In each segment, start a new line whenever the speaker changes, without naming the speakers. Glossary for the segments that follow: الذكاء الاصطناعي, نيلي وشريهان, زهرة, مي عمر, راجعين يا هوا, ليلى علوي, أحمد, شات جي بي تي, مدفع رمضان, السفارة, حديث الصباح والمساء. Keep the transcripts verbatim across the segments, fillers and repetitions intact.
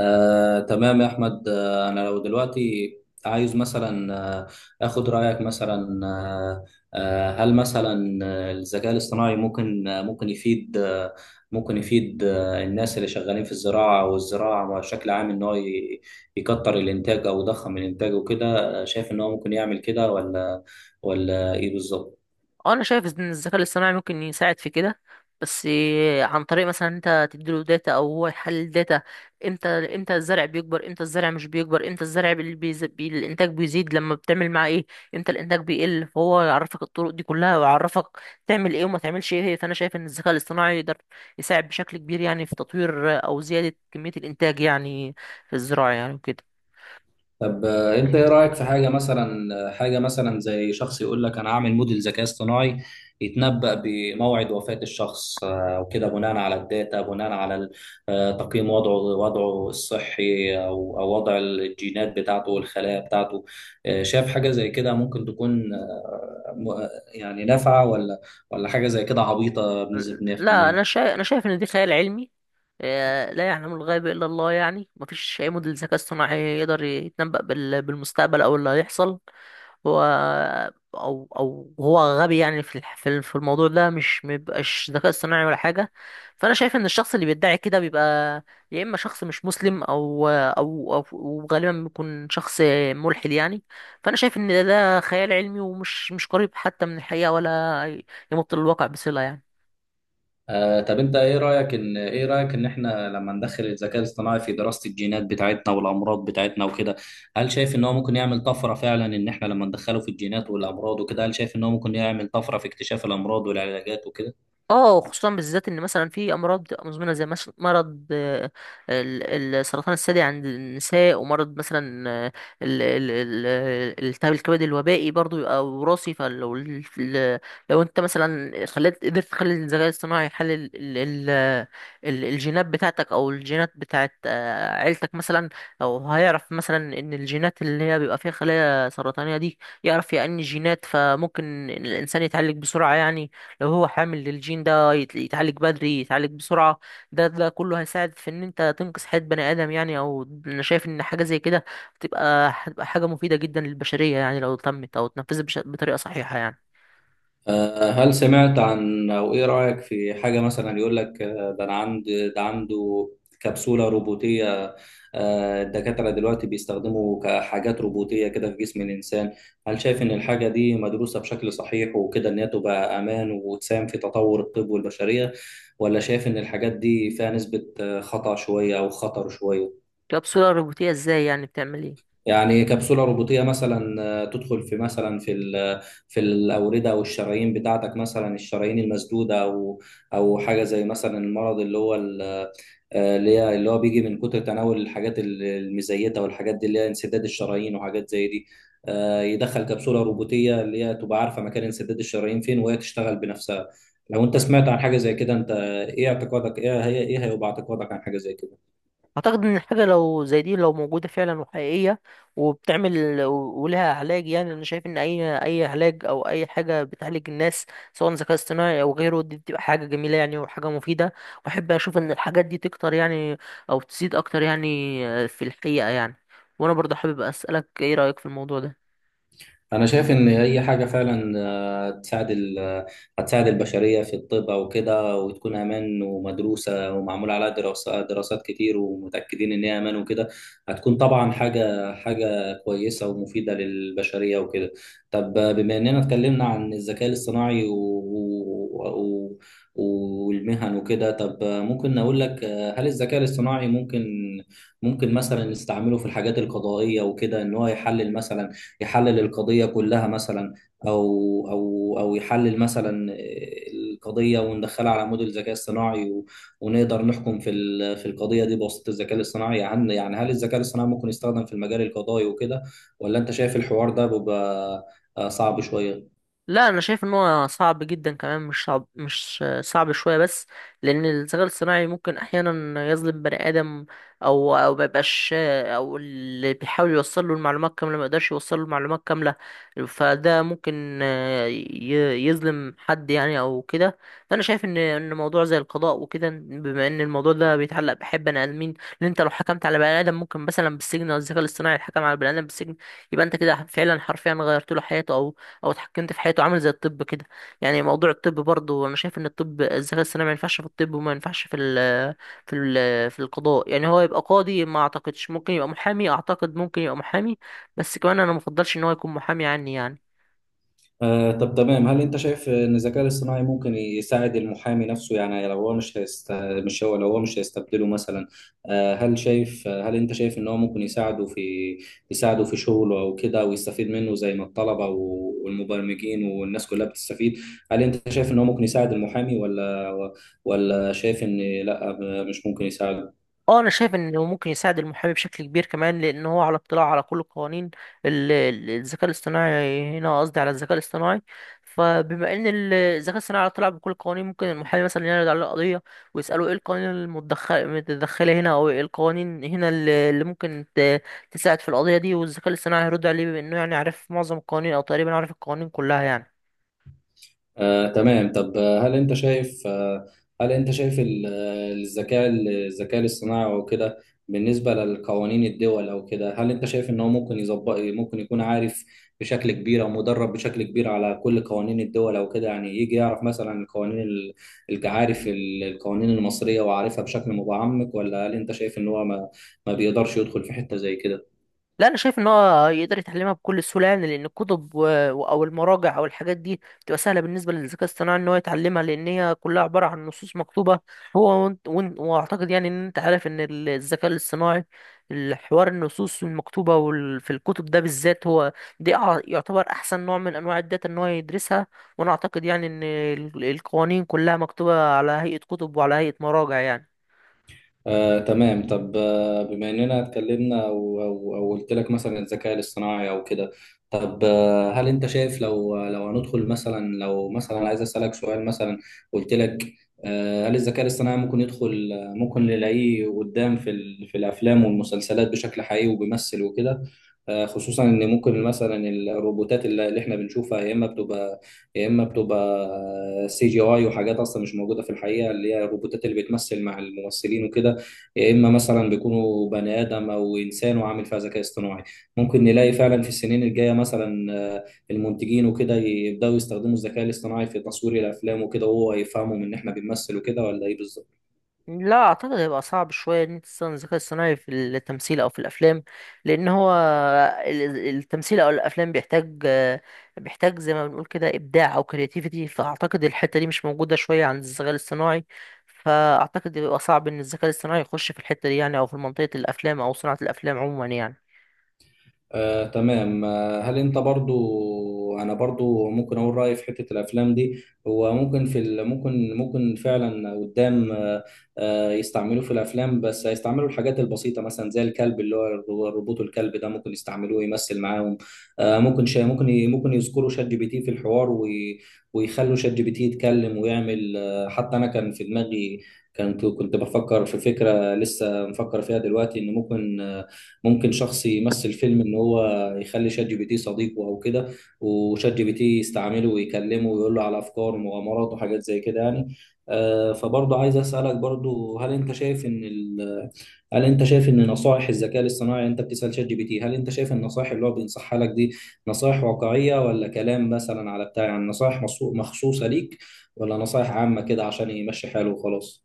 آه، تمام يا أحمد. آه، أنا لو دلوقتي عايز مثلا آه، آخد رأيك مثلا آه، آه، هل مثلا آه، الذكاء الاصطناعي ممكن آه، ممكن يفيد آه، ممكن يفيد آه، الناس اللي شغالين في الزراعة والزراعة بشكل عام، إن هو ي- يكتر الإنتاج أو يضخم الإنتاج وكده. آه، شايف إن هو ممكن يعمل كده، ولا ولا إيه بالظبط؟
اه، انا شايف ان الذكاء الاصطناعي ممكن يساعد في كده. بس إيه، عن طريق مثلا انت تديله داتا او هو يحلل داتا. امتى امتى الزرع بيكبر، امتى الزرع مش بيكبر، امتى الزرع بي... بيز- بي... الانتاج بيزيد لما بتعمل معاه ايه، امتى الانتاج بيقل. فهو يعرفك الطرق دي كلها ويعرفك تعمل ايه وما تعملش ايه. فانا شايف ان الذكاء الاصطناعي يقدر يساعد بشكل كبير يعني في تطوير او زيادة كمية الانتاج يعني في الزراعة يعني وكده.
طب آه، انت ايه رايك في حاجه مثلا، آه، حاجه مثلا زي شخص يقول لك انا هعمل موديل ذكاء اصطناعي يتنبأ بموعد وفاه الشخص آه، وكده، بناء على الداتا، بناء على ال- آه، تقييم وضعه، وضعه الصحي او او وضع الجينات بتاعته والخلايا بتاعته. آه، شايف حاجه زي كده ممكن تكون آه، م- آه، يعني نافعه، ولا ولا حاجه زي كده عبيطه بنسبه
لا، انا
مية بالمية؟
شايف انا شايف ان دي خيال علمي. آه، لا يعلم الغيب الا الله يعني، مفيش اي موديل ذكاء اصطناعي يقدر يتنبأ بال- بالمستقبل او اللي هيحصل هو. او او هو غبي يعني في الح- في ال- في الموضوع ده، مش مبقاش ذكاء اصطناعي ولا حاجه. فانا شايف ان الشخص اللي بيدعي كده بيبقى يا اما شخص مش مسلم او او او وغالبا بيكون شخص ملحد يعني. فانا شايف ان ده ده خيال علمي، ومش مش قريب حتى من الحقيقه ولا يمط للواقع بصله يعني.
آه، طب انت ايه رايك ان ايه رايك ان احنا لما ندخل الذكاء الاصطناعي في دراسه الجينات بتاعتنا والامراض بتاعتنا وكده، هل شايف ان هو ممكن يعمل طفره؟ فعلا ان احنا لما ندخله في الجينات والامراض وكده، هل شايف ان هو ممكن يعمل طفره في اكتشاف الامراض والعلاجات وكده؟
اه، خصوصا بالذات ان مثلا في امراض بتبقى مزمنه زي مش- مرض آه، ال- ال- السرطان الثدي عند النساء، ومرض مثلا آه، ال- ال- ال- ال- التهاب الكبد الوبائي برضو يبقى وراثي. فلو ال- ال- لو انت مثلا خليت قدرت تخلي الذكاء الاصطناعي يحلل ال- ال- ال- الجينات بتاعتك او الجينات بتاعت آه، عيلتك مثلا، او هيعرف مثلا ان الجينات اللي هي بيبقى فيها خلايا سرطانيه دي، يعرف يعني الجينات، فممكن الانسان يتعالج بسرعه يعني. لو هو حامل للجين ده يت- يتعالج بدري، يتعالج بسرعة. ده ده كله هيساعد في ان انت تنقذ حياة بني ادم يعني. او انا شايف ان حاجة زي كده هتبقى هتبقى حاجة مفيدة جدا للبشرية يعني، لو تمت او اتنفذت بش- بطريقة صحيحة يعني.
آه، هل سمعت عن، او ايه رأيك في حاجة مثلا يقول لك آه، ده انا عند ده عنده كبسولة روبوتية؟ آه، الدكاترة دلوقتي بيستخدموا كحاجات روبوتية كده في جسم الإنسان. هل شايف إن الحاجة دي مدروسة بشكل صحيح وكده، إن هي تبقى أمان وتساهم في تطور الطب والبشرية، ولا شايف إن الحاجات دي فيها نسبة آه، خطأ شوية أو خطر شوية؟
كبسولة روبوتية ازاي يعني؟ بتعمل ايه؟
يعني كبسولة روبوتية مثلا آه، تدخل في، مثلا، في ال- في الأوردة أو الشرايين بتاعتك، مثلا الشرايين المسدودة، أو أو حاجة زي مثلا المرض اللي هو ال- آه، اللي هي اللي هو بيجي من كتر تناول الحاجات ال- المزيتة والحاجات دي، اللي هي انسداد الشرايين وحاجات زي دي. آه، يدخل كبسولة روبوتية اللي هي تبقى عارفة مكان انسداد الشرايين فين، وهي تشتغل بنفسها. لو أنت سمعت عن حاجة زي كده، أنت إيه اعتقادك إيه هي إيه هيبقى اعتقادك عن حاجة زي كده؟
اعتقد ان الحاجه لو زي دي لو موجوده فعلا وحقيقيه وبتعمل و- ولها علاج يعني، انا شايف ان اي اي علاج او اي حاجه بتعالج الناس، سواء ذكاء اصطناعي او غيره، دي بتبقى حاجه جميله يعني وحاجه مفيده. واحب اشوف ان الحاجات دي تكتر يعني، او تزيد اكتر يعني في الحقيقه يعني. وانا برضه حابب اسالك، ايه رايك في الموضوع ده؟
انا شايف ان هي حاجه فعلا آه، تساعد ال- آه، هتساعد البشريه في الطب او كده، وتكون امان ومدروسه ومعمول عليها دراسات دراسات كتير، ومتاكدين ان هي امان وكده. هتكون طبعا حاجه حاجه كويسه ومفيده للبشريه وكده. طب آه، بما اننا اتكلمنا عن الذكاء الاصطناعي و... و... و... والمهن وكده، طب آه، ممكن اقول لك آه، هل الذكاء الاصطناعي ممكن ممكن مثلا نستعمله في الحاجات القضائيه وكده، ان هو يحلل مثلا يحلل القضية كلها مثلا، أو أو أو يحلل مثلا القضية وندخلها على موديل ذكاء اصطناعي و- ونقدر نحكم في ال- في القضية دي بواسطة الذكاء الاصطناعي. يعني يعني هل الذكاء الاصطناعي ممكن يستخدم في المجال القضائي وكده، ولا أنت شايف الحوار ده بيبقى آه، صعب شوية؟
لا، انا شايف ان هو صعب جدا كمان، مش صعب مش صعب شويه بس. لان الذكاء الاصطناعي ممكن احيانا يظلم بني ادم، او او ما يبقاش، او اللي بيحاول يوصل له المعلومات كامله ما يقدرش يوصل له المعلومات كامله. فده ممكن آه، ي- يظلم حد يعني او كده. فانا شايف ان ان موضوع زي القضاء وكده، بما ان الموضوع ده بيتعلق بحب بني ادمين، ان انت لو حكمت على بني ادم ممكن مثلا بالسجن، او الذكاء الاصطناعي حكم على بني ادم بالسجن، يبقى انت كده فعلا حرفيا غيرت له حياته او او اتحكمت في حياته، عامل زي الطب كده. يعني موضوع الطب برضه انا شايف ان الطب، الذكاء الصناعي ما ينفعش في الطب، وما ينفعش في ال في ال في القضاء يعني. هو يبقى قاضي، ما اعتقدش. ممكن يبقى محامي، اعتقد ممكن يبقى محامي، بس كمان انا مفضلش ان هو يكون محامي عني يعني.
آه، طب تمام. هل انت شايف ان الذكاء الاصطناعي ممكن يساعد المحامي نفسه؟ يعني لو هو مش هيست... مش هو لو هو مش هيستبدله مثلا. آه، هل شايف، هل انت شايف ان هو ممكن يساعده في يساعده في شغله او كده، ويستفيد منه زي ما الطلبة و- والمبرمجين والناس كلها بتستفيد. هل انت شايف ان هو ممكن يساعد المحامي، ولا ولا شايف ان لا، مش ممكن يساعده؟
اه، انا شايف انه ممكن يساعد المحامي بشكل كبير كمان، لان هو على اطلاع على كل القوانين. ال- ال- الذكاء الاصطناعي، هنا قصدي على الذكاء الاصطناعي. فبما ان ال- الذكاء الاصطناعي على اطلاع بكل القوانين، ممكن المحامي مثلا يعرض عليه قضيه ويساله ايه القوانين المتدخل- المتدخله هنا، او ايه القوانين هنا اللي اللي ممكن ت- تساعد في القضيه دي، والذكاء الاصطناعي هيرد عليه بما انه يعني عارف معظم القوانين او تقريبا عارف القوانين كلها يعني.
آه، تمام. طب آه، هل انت شايف آه، هل انت شايف ال- آه، الذكاء الذكاء الاصطناعي او كده، بالنسبه لقوانين الدول او كده، هل انت شايف ان هو ممكن يظبط ممكن يكون عارف بشكل كبير، او مدرب بشكل كبير على كل قوانين الدول او كده؟ يعني يجي يعرف مثلا القوانين ال- الج- عارف ال- القوانين المصريه، وعارفها بشكل متعمق، ولا هل انت شايف ان هو ما ما بيقدرش يدخل في حته زي كده؟
لا، انا شايف ان هو يقدر يتعلمها بكل سهوله يعني، لان الكتب و... او المراجع او الحاجات دي بتبقى سهله بالنسبه للذكاء الاصطناعي ان هو يتعلمها، لان هي كلها عباره عن نصوص مكتوبه. هو وانت... وانت... واعتقد يعني ان انت عارف ان ال- الذكاء الاصطناعي، الحوار النصوص المكتوبه وال... في الكتب ده بالذات، هو دي أع- يعتبر احسن نوع من انواع الداتا ان هو يدرسها. وانا اعتقد يعني ان ال- القوانين كلها مكتوبه على هيئه كتب وعلى هيئه مراجع يعني.
آه، تمام. طب آه، بما اننا اتكلمنا و- و- وقلت لك مثلا الذكاء الاصطناعي او كده، طب آه، هل انت شايف لو لو هندخل مثلا، لو مثلا عايز اسالك سؤال مثلا، قلت لك آه، هل الذكاء الاصطناعي ممكن يدخل، آه، ممكن نلاقيه قدام في ال- في الافلام والمسلسلات بشكل حقيقي وبيمثل وكده؟ آه، خصوصا ان ممكن مثلا الروبوتات اللي اللي احنا بنشوفها، يا اما بتبقى يا اما بتبقى آه، سي جي اي وحاجات اصلا مش موجوده في الحقيقه، اللي هي الروبوتات اللي بتمثل مع الممثلين وكده، يا اما مثلا بيكونوا بني ادم او انسان وعامل فيها ذكاء اصطناعي. ممكن نلاقي فعلا في السنين الجايه مثلا آه، المنتجين وكده يبداوا يستخدموا الذكاء الاصطناعي في تصوير الافلام وكده، وهو يفهمهم ان احنا بنمثل وكده، ولا ايه بالظبط؟
لا، اعتقد هيبقى صعب شويه ان انت تستخدم الذكاء الصناعي في التمثيل او في الافلام، لان هو ال- التمثيل او الافلام بيحتاج بيحتاج زي ما بنقول كده ابداع او كرياتيفيتي. فاعتقد الحته دي مش موجوده شويه عند الذكاء الاصطناعي. فاعتقد بيبقى صعب ان الذكاء الاصطناعي يخش في الحته دي يعني، او في منطقه الافلام او صناعه الافلام عموما يعني.
آه، تمام. آه، هل انت برضو، انا برضو ممكن اقول رايي في حته الافلام دي. هو ممكن في ال... ممكن ممكن فعلا قدام آه، آه، يستعملوه في الافلام، بس هيستعملوا الحاجات البسيطه مثلا زي الكلب، اللي هو الرو- الروبوت. الكلب ده ممكن يستعملوه يمثل معاهم. آه، ممكن شا... ممكن ي... ممكن يذكروا شات جي بي تي في الحوار وي... ويخلوا شات جي بي تي يتكلم ويعمل. آه، حتى انا كان في دماغي، كنت كنت بفكر في فكره لسه مفكر فيها دلوقتي، ان ممكن آه، ممكن شخص يمثل فيلم، ان هو يخلي شات جي بي تي صديقه او كده، وشات جي بي تي يستعمله ويكلمه ويقول له على افكار ومغامرات وحاجات زي كده يعني. آه، فبرضه عايز اسالك برضه، هل انت شايف ان ال... هل انت شايف ان نصائح الذكاء الاصطناعي، انت بتسال شات جي بي تي، هل انت شايف النصائح اللي هو بينصحها لك دي نصائح واقعيه، ولا كلام مثلا على بتاع؟ يعني نصائح مخصو- مخصوصه ليك، ولا نصائح عامه كده عشان يمشي حاله وخلاص؟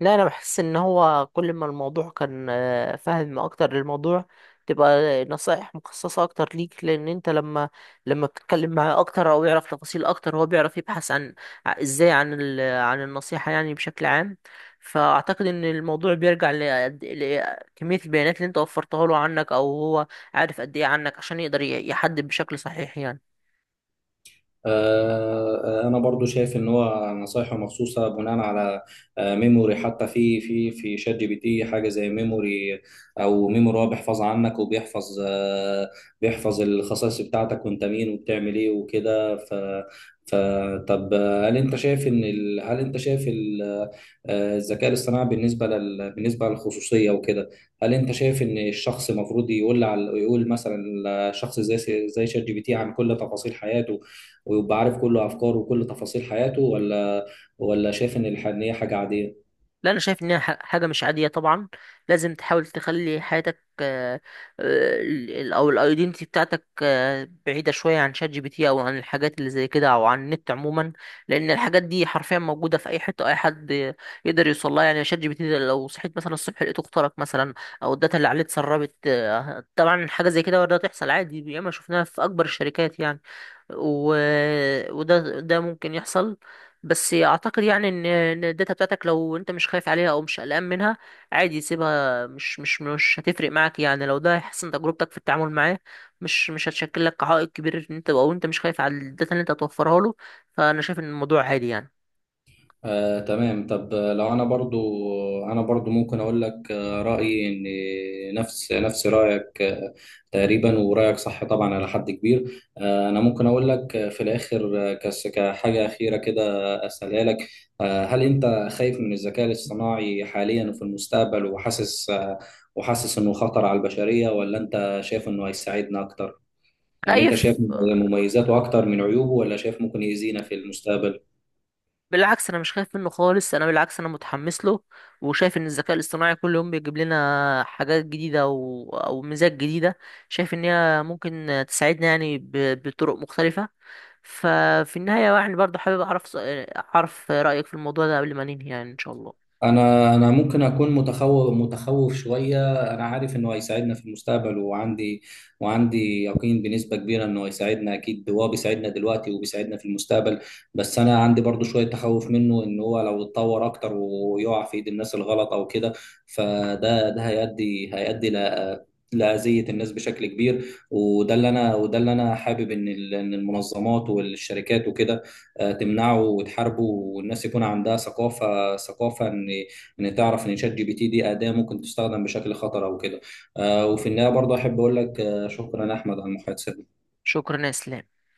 لا، انا بحس ان هو كل ما الموضوع كان آه، فاهم اكتر للموضوع، تبقى نصائح مخصصة اكتر ليك. لان انت لما لما بتتكلم معاه اكتر او يعرف تفاصيل اكتر، هو بيعرف يبحث عن ع- ازاي عن ال... عن النصيحة يعني بشكل عام. فاعتقد ان الموضوع بيرجع لقد- لكمية البيانات اللي انت وفرتها له عنك، او هو عارف قد ايه عنك عشان يقدر ي- يحدد بشكل صحيح يعني.
آه، آه، انا برضو شايف ان هو نصايحه مخصوصه بناء على آه، ميموري. حتى في في في شات جي بي تي حاجه زي ميموري، او ميموري هو بيحفظ عنك، وبيحفظ آه، بيحفظ الخصائص بتاعتك، وانت مين وبتعمل ايه وكده. ف فطب هل انت شايف ان ال... هل انت شايف ال... آه، الذكاء الاصطناعي بالنسبه لل... بالنسبه للخصوصيه وكده، هل انت شايف ان الشخص المفروض يقول على... يقول مثلا شخص زي زي شات جي بي تي عن كل تفاصيل حياته، ويبقى عارف كل افكاره وكل تفاصيل حياته، ولا ولا شايف ان الح- إن هي حاجه عاديه؟
لا، انا شايف انها ح- حاجه مش عاديه طبعا. لازم تحاول تخلي حياتك آه، آه، ال- ال- او الايدنتي بتاعتك آه، بعيده شويه عن شات جي بي تي، او عن الحاجات اللي زي كده، او عن النت عموما. لان الحاجات دي حرفيا موجوده في اي حته، اي حد يقدر يوصل لها يعني. شات جي بي تي ده لو صحيت مثلا الصبح لقيته اخترق مثلا، او الداتا اللي عليه اتسربت آه، طبعا، حاجه زي كده وارد تحصل عادي، ياما شفناها في اكبر الشركات يعني. و... وده ده ممكن يحصل. بس اعتقد يعني ان إن الداتا بتاعتك لو انت مش خايف عليها او مش قلقان منها، عادي سيبها. مش مش مش هتفرق معاك يعني لو ده هيحسن تجربتك في التعامل معاه. مش مش هتشكل لك عائق كبير ان انت، او انت مش خايف على الداتا اللي انت هتوفرها له. فانا شايف ان الموضوع عادي يعني.
آه، تمام. طب آه، لو انا برضو، انا برضو ممكن اقول لك آه، رايي ان نفس نفس رايك آه، تقريبا، ورايك صح طبعا على حد كبير. آه، انا ممكن اقول لك آه، في الاخر آه، كس- كحاجه اخيره كده، اسالها لك. آه، هل انت خايف من الذكاء الاصطناعي حاليا وفي المستقبل، وحاسس آه، وحاسس انه خطر على البشريه، ولا انت شايف انه هيساعدنا اكتر؟ يعني انت
خايف؟
شايف مميزاته اكتر من عيوبه، ولا شايف ممكن يأذينا في المستقبل؟
بالعكس، انا مش خايف منه خالص. انا بالعكس انا متحمس له، وشايف ان الذكاء الاصطناعي كل يوم بيجيب لنا حاجات جديده او او ميزات جديده. شايف ان هي ممكن تساعدنا يعني ب- بطرق مختلفه. ففي النهايه يعني برضه حابب اعرف اعرف رايك في الموضوع ده قبل ما ننهي يعني، ان شاء الله.
انا انا ممكن اكون متخوف متخوف شوية. انا عارف انه هيساعدنا في المستقبل، وعندي وعندي يقين بنسبة كبيرة انه هيساعدنا. اكيد هو بيساعدنا دلوقتي وبيساعدنا في المستقبل، بس انا عندي برضو شوية تخوف منه، ان هو لو اتطور اكتر ويقع في ايد الناس الغلط او كده، فده ده هيؤدي هيؤدي ل- لأذية الناس بشكل كبير. وده اللي انا وده اللي انا حابب ان ال- إن المنظمات والشركات وكده آه، تمنعه وتحاربه، والناس يكون عندها ثقافه ثقافه، ان ان تعرف ان شات جي بي تي دي اداه ممكن تستخدم بشكل خطر او كده. آه، وفي النهايه برضه احب اقول لك آه، شكرا يا احمد على المحادثه.
شكرا يا اسلام.